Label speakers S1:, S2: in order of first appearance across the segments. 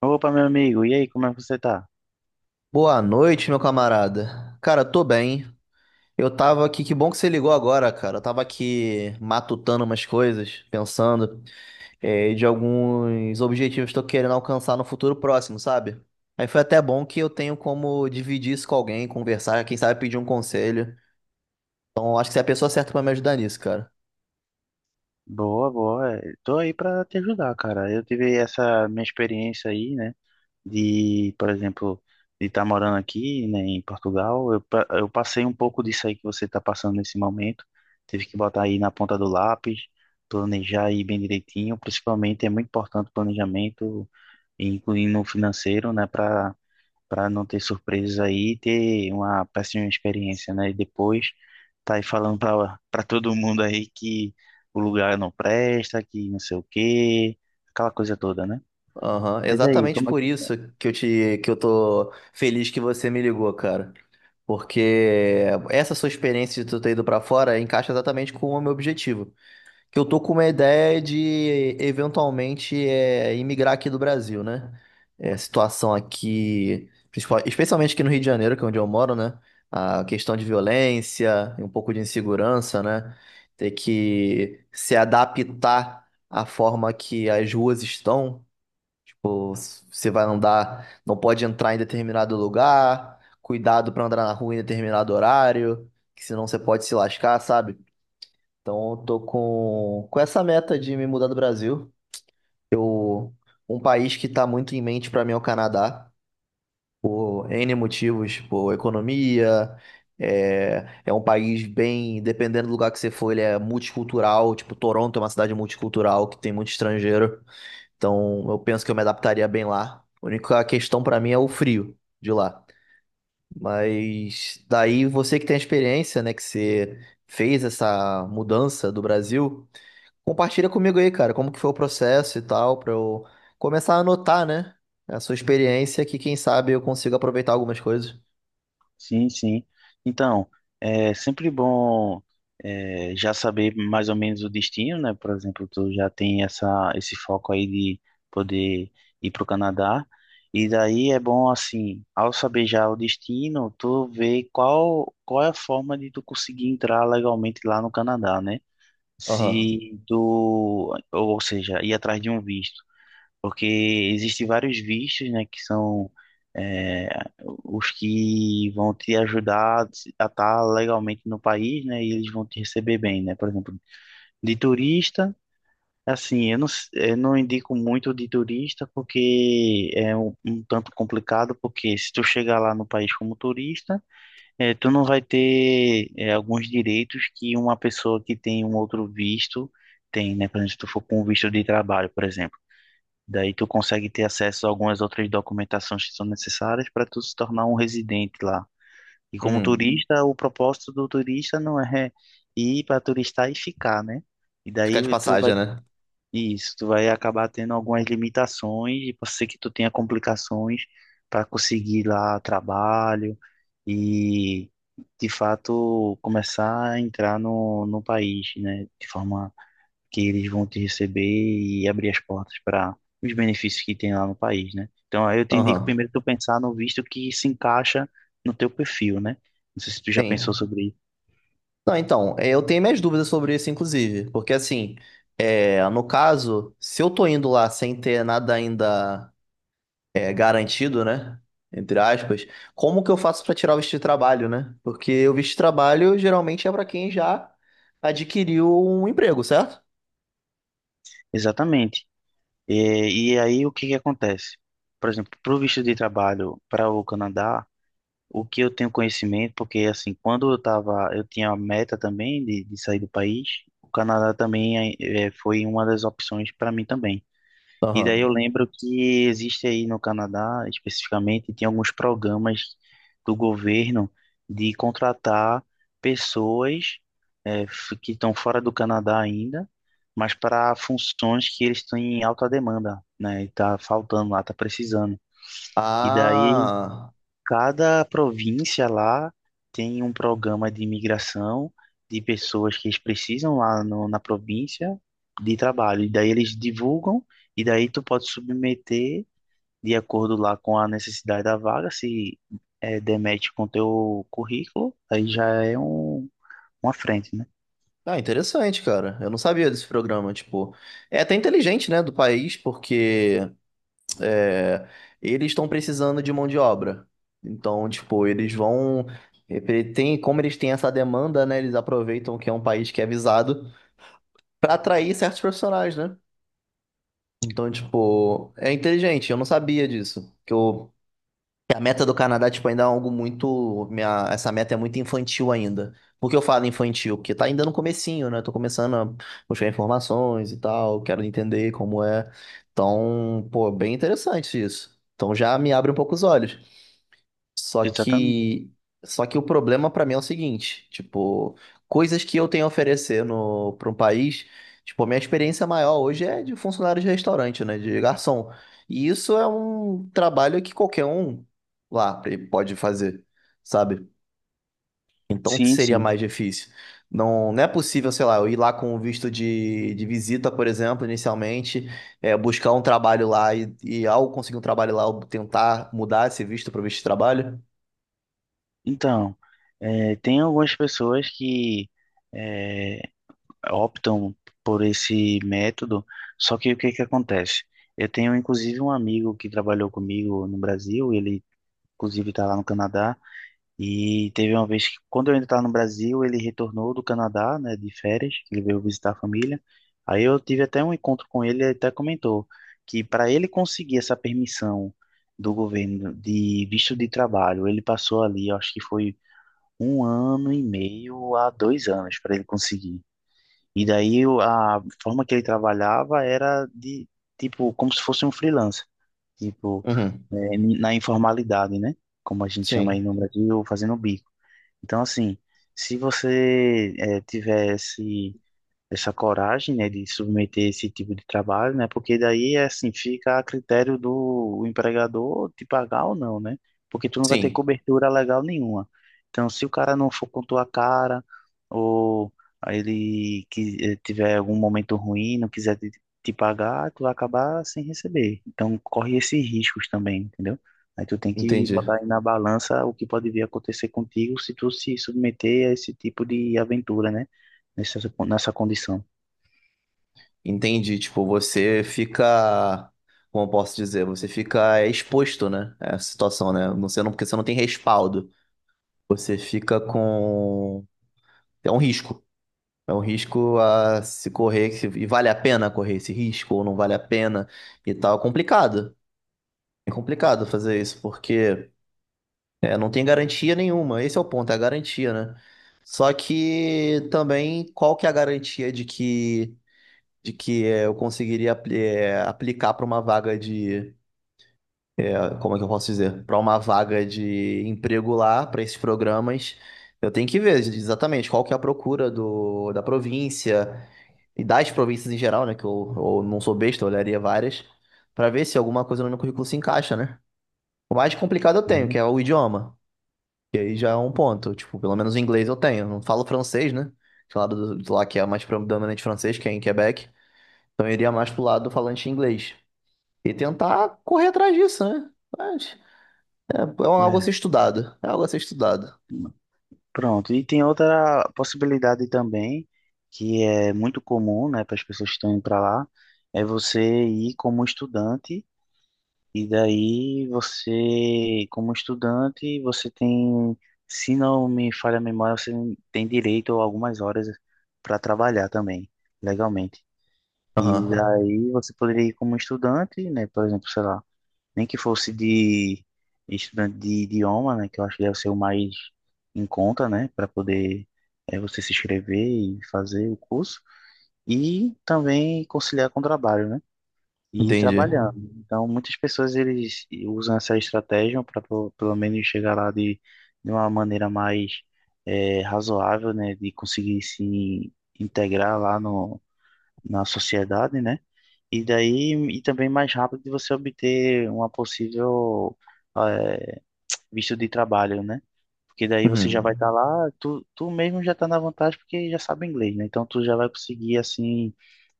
S1: Opa, meu amigo, e aí, como é que você tá?
S2: Boa noite, meu camarada. Cara, tô bem. Eu tava aqui, que bom que você ligou agora, cara. Eu tava aqui matutando umas coisas, pensando, de alguns objetivos que eu tô querendo alcançar no futuro próximo, sabe? Aí foi até bom que eu tenho como dividir isso com alguém, conversar, quem sabe pedir um conselho. Então, acho que você é a pessoa certa pra me ajudar nisso, cara.
S1: Boa, boa. Tô aí pra te ajudar, cara. Eu tive essa minha experiência aí, né? De, por exemplo, de estar morando aqui, né, em Portugal. Eu, eu passei um pouco disso aí que você tá passando nesse momento. Tive que botar aí na ponta do lápis, planejar aí bem direitinho. Principalmente é muito importante o planejamento, incluindo o financeiro, né? Pra Para não ter surpresas aí e ter uma péssima experiência, né? E depois tá aí falando para todo mundo aí que o lugar não presta, que não sei o quê, aquela coisa toda, né?
S2: Aham,
S1: Mas aí,
S2: exatamente
S1: como é.
S2: por isso que que eu tô feliz que você me ligou, cara. Porque essa sua experiência de tu ter ido pra fora encaixa exatamente com o meu objetivo. Que eu tô com uma ideia de eventualmente imigrar aqui do Brasil, né? É, a situação aqui, especialmente aqui no Rio de Janeiro, que é onde eu moro, né? A questão de violência e um pouco de insegurança, né? Ter que se adaptar à forma que as ruas estão. Você vai andar, não pode entrar em determinado lugar, cuidado pra andar na rua em determinado horário, que senão você pode se lascar, sabe? Então eu tô com essa meta de me mudar do Brasil. Eu, um país que tá muito em mente pra mim é o Canadá, por N motivos, por economia, é um país bem, dependendo do lugar que você for, ele é multicultural, tipo Toronto é uma cidade multicultural que tem muito estrangeiro. Então, eu penso que eu me adaptaria bem lá. A única questão pra mim é o frio de lá. Mas daí você que tem a experiência, né, que você fez essa mudança do Brasil, compartilha comigo aí, cara, como que foi o processo e tal, pra eu começar a anotar, né, a sua experiência, que quem sabe eu consigo aproveitar algumas coisas.
S1: Sim, sim. Então, é sempre bom é, já saber mais ou menos o destino, né? Por exemplo, tu já tem esse foco aí de poder ir para o Canadá. E daí é bom, assim, ao saber já o destino, tu vê qual é a forma de tu conseguir entrar legalmente lá no Canadá, né?
S2: Aham.
S1: Se tu, ou seja, ir atrás de um visto, porque existem vários vistos, né, que são é, os que vão te ajudar a estar legalmente no país, né, e eles vão te receber bem, né, por exemplo, de turista, assim, eu não indico muito de turista, porque é um tanto complicado, porque se tu chegar lá no país como turista, é, tu não vai ter é, alguns direitos que uma pessoa que tem um outro visto tem, né, por exemplo, se tu for com um visto de trabalho, por exemplo. Daí tu consegue ter acesso a algumas outras documentações que são necessárias para tu se tornar um residente lá. E como
S2: Uhum.
S1: turista, o propósito do turista não é ir para turistar e ficar, né? E
S2: Ficar de
S1: daí tu vai.
S2: passagem, né?
S1: Isso, tu vai acabar tendo algumas limitações e pode ser que tu tenha complicações para conseguir lá trabalho e de fato começar a entrar no país, né? De forma que eles vão te receber e abrir as portas para os benefícios que tem lá no país, né? Então, aí eu te indico
S2: Aham.
S1: primeiro tu pensar no visto que se encaixa no teu perfil, né? Não sei se tu já pensou
S2: Sim.
S1: sobre isso.
S2: Não, então, é, eu tenho minhas dúvidas sobre isso, inclusive, porque assim, no caso, se eu tô indo lá sem ter nada ainda garantido, né? Entre aspas, como que eu faço pra tirar o visto de trabalho, né? Porque o visto de trabalho geralmente é pra quem já adquiriu um emprego, certo?
S1: Exatamente. E aí, o que que acontece? Por exemplo, para o visto de trabalho para o Canadá, o que eu tenho conhecimento, porque assim, quando eu tava, eu tinha a meta também de sair do país, o Canadá também foi uma das opções para mim também. E daí eu
S2: Aham.
S1: lembro que existe aí no Canadá, especificamente, tem alguns programas do governo de contratar pessoas que estão fora do Canadá ainda, mas para funções que eles têm em alta demanda, né? E tá faltando lá, tá precisando. E daí.
S2: Ah,
S1: Cada província lá tem um programa de imigração de pessoas que eles precisam lá no- na província de trabalho. E daí eles divulgam, e daí tu pode submeter de acordo lá com a necessidade da vaga, se é, demete com teu currículo, aí uma frente, né?
S2: ah, interessante, cara. Eu não sabia desse programa, tipo, é até inteligente, né, do país, porque é, eles estão precisando de mão de obra. Então, tipo, eles vão. Ele Tem, como eles têm essa demanda, né? Eles aproveitam que é um país que é visado para atrair certos profissionais, né? Então, tipo, é inteligente. Eu não sabia disso. Que eu que A meta do Canadá, tipo, ainda é algo muito. Minha, essa meta é muito infantil ainda. Por que eu falo infantil? Porque tá ainda no comecinho, né? Tô começando a buscar informações e tal, quero entender como é. Então, pô, bem interessante isso. Então já me abre um pouco os olhos. Só
S1: Exatamente.
S2: que, só que o problema pra mim é o seguinte, tipo, coisas que eu tenho a oferecer no para um país, tipo, a minha experiência maior hoje é de funcionário de restaurante, né, de garçom. E isso é um trabalho que qualquer um lá pode fazer, sabe? Então
S1: Sim,
S2: seria
S1: sim.
S2: mais difícil. Não, não é possível, sei lá, eu ir lá com o visto de visita, por exemplo, inicialmente, é, buscar um trabalho lá e ao conseguir um trabalho lá, eu tentar mudar esse visto para visto de trabalho.
S1: Então, é, tem algumas pessoas que é, optam por esse método, só que o que que acontece? Eu tenho inclusive um amigo que trabalhou comigo no Brasil, ele inclusive está lá no Canadá, e teve uma vez que, quando eu ainda estava no Brasil, ele retornou do Canadá, né, de férias, que ele veio visitar a família. Aí eu tive até um encontro com ele, ele até comentou que para ele conseguir essa permissão do governo de visto de trabalho, ele passou ali, eu acho que foi um ano e meio a dois anos para ele conseguir. E daí a forma que ele trabalhava era de, tipo, como se fosse um freelancer, tipo,
S2: Uhum.
S1: é, na informalidade, né? Como a gente chama aí
S2: Sim,
S1: no Brasil, fazendo bico. Então, assim, se você é, tivesse essa coragem, né, de submeter esse tipo de trabalho, né, porque daí, assim, fica a critério do empregador te pagar ou não, né, porque tu não vai ter
S2: sim,
S1: cobertura legal nenhuma. Então, se o cara não for com tua cara, ou ele que tiver algum momento ruim, não quiser te pagar, tu vai acabar sem receber. Então, corre esses riscos também, entendeu? Aí tu tem que
S2: entendi.
S1: botar aí na balança o que pode vir a acontecer contigo se tu se submeter a esse tipo de aventura, né? Nessa, nessa condição.
S2: Entendi. Tipo, você fica, como eu posso dizer, você fica é, exposto, né? A essa situação, né? Você não, porque você não tem respaldo. Você fica com. É um risco. É um risco a se correr. E vale a pena correr esse risco ou não vale a pena e tal. É complicado. É complicado fazer isso, porque é, não tem garantia nenhuma. Esse é o ponto, é a garantia, né? Só que também, qual que é a garantia de que. De que é, eu conseguiria é, aplicar para uma vaga de, é, como é que eu posso dizer? Para uma vaga de emprego lá, para esses programas. Eu tenho que ver exatamente qual que é a procura da província e das províncias em geral, né? Eu não sou besta, eu olharia várias, para ver se alguma coisa no meu currículo se encaixa, né? O mais complicado eu
S1: Né?
S2: tenho, que é o idioma. E aí já é um ponto. Tipo, pelo menos o inglês eu tenho. Eu não falo francês, né? Do lá que é mais predominante francês, que é em Quebec. Então eu iria mais pro lado do falante inglês. E tentar correr atrás disso, né? Mas é algo a
S1: É.
S2: ser estudado. É algo a ser estudado.
S1: Pronto. E tem outra possibilidade também, que é muito comum, né, para as pessoas que estão indo para lá, é você ir como estudante, e daí você, como estudante, você tem, se não me falha a memória, você tem direito a algumas horas para trabalhar também, legalmente. E
S2: Aham.
S1: daí você poderia ir como estudante, né, por exemplo, sei lá, nem que fosse de estudante de idioma, né, que eu acho que deve ser o mais em conta, né, para poder é, você se inscrever e fazer o curso, e também conciliar com o trabalho, né, e ir
S2: Entendi.
S1: trabalhando. Então, muitas pessoas eles usam essa estratégia para pelo menos chegar lá de uma maneira mais é, razoável, né, de conseguir se integrar lá no na sociedade, né? E daí, e também mais rápido de você obter uma possível eh, visto de trabalho, né? Porque daí você já vai
S2: Uhum.
S1: estar lá, tu mesmo já está na vantagem porque já sabe inglês, né? Então tu já vai conseguir, assim,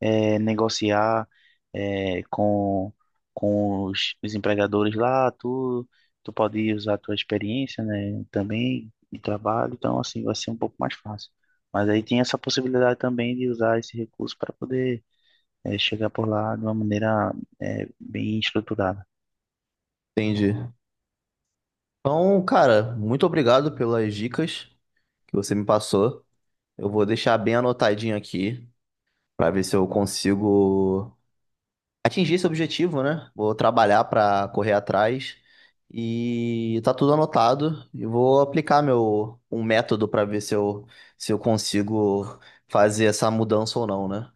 S1: eh, negociar eh, com, com os empregadores lá, tu, tu pode usar a tua experiência, né? Também de trabalho, então assim, vai ser um pouco mais fácil. Mas aí tem essa possibilidade também de usar esse recurso para poder é, chegar por lá de uma maneira é, bem estruturada.
S2: Entendi. Então, cara, muito obrigado pelas dicas que você me passou. Eu vou deixar bem anotadinho aqui pra ver se eu consigo atingir esse objetivo, né? Vou trabalhar para correr atrás e tá tudo anotado e vou aplicar meu um método para ver se eu consigo fazer essa mudança ou não, né?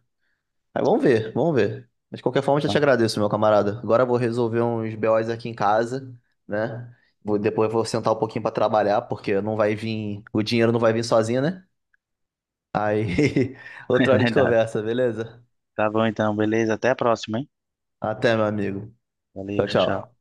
S2: Aí vamos ver, vamos ver. Mas de qualquer forma, já te
S1: Então,
S2: agradeço, meu camarada. Agora eu vou resolver uns BOs aqui em casa, né? Vou, depois eu vou sentar um pouquinho para trabalhar, porque não vai vir, o dinheiro não vai vir sozinho, né? Aí,
S1: é
S2: outra hora de
S1: verdade.
S2: conversa, beleza?
S1: Tá bom então, beleza? Até a próxima, hein?
S2: Até, meu amigo.
S1: Valeu,
S2: Tchau,
S1: tchau, tchau.
S2: tchau.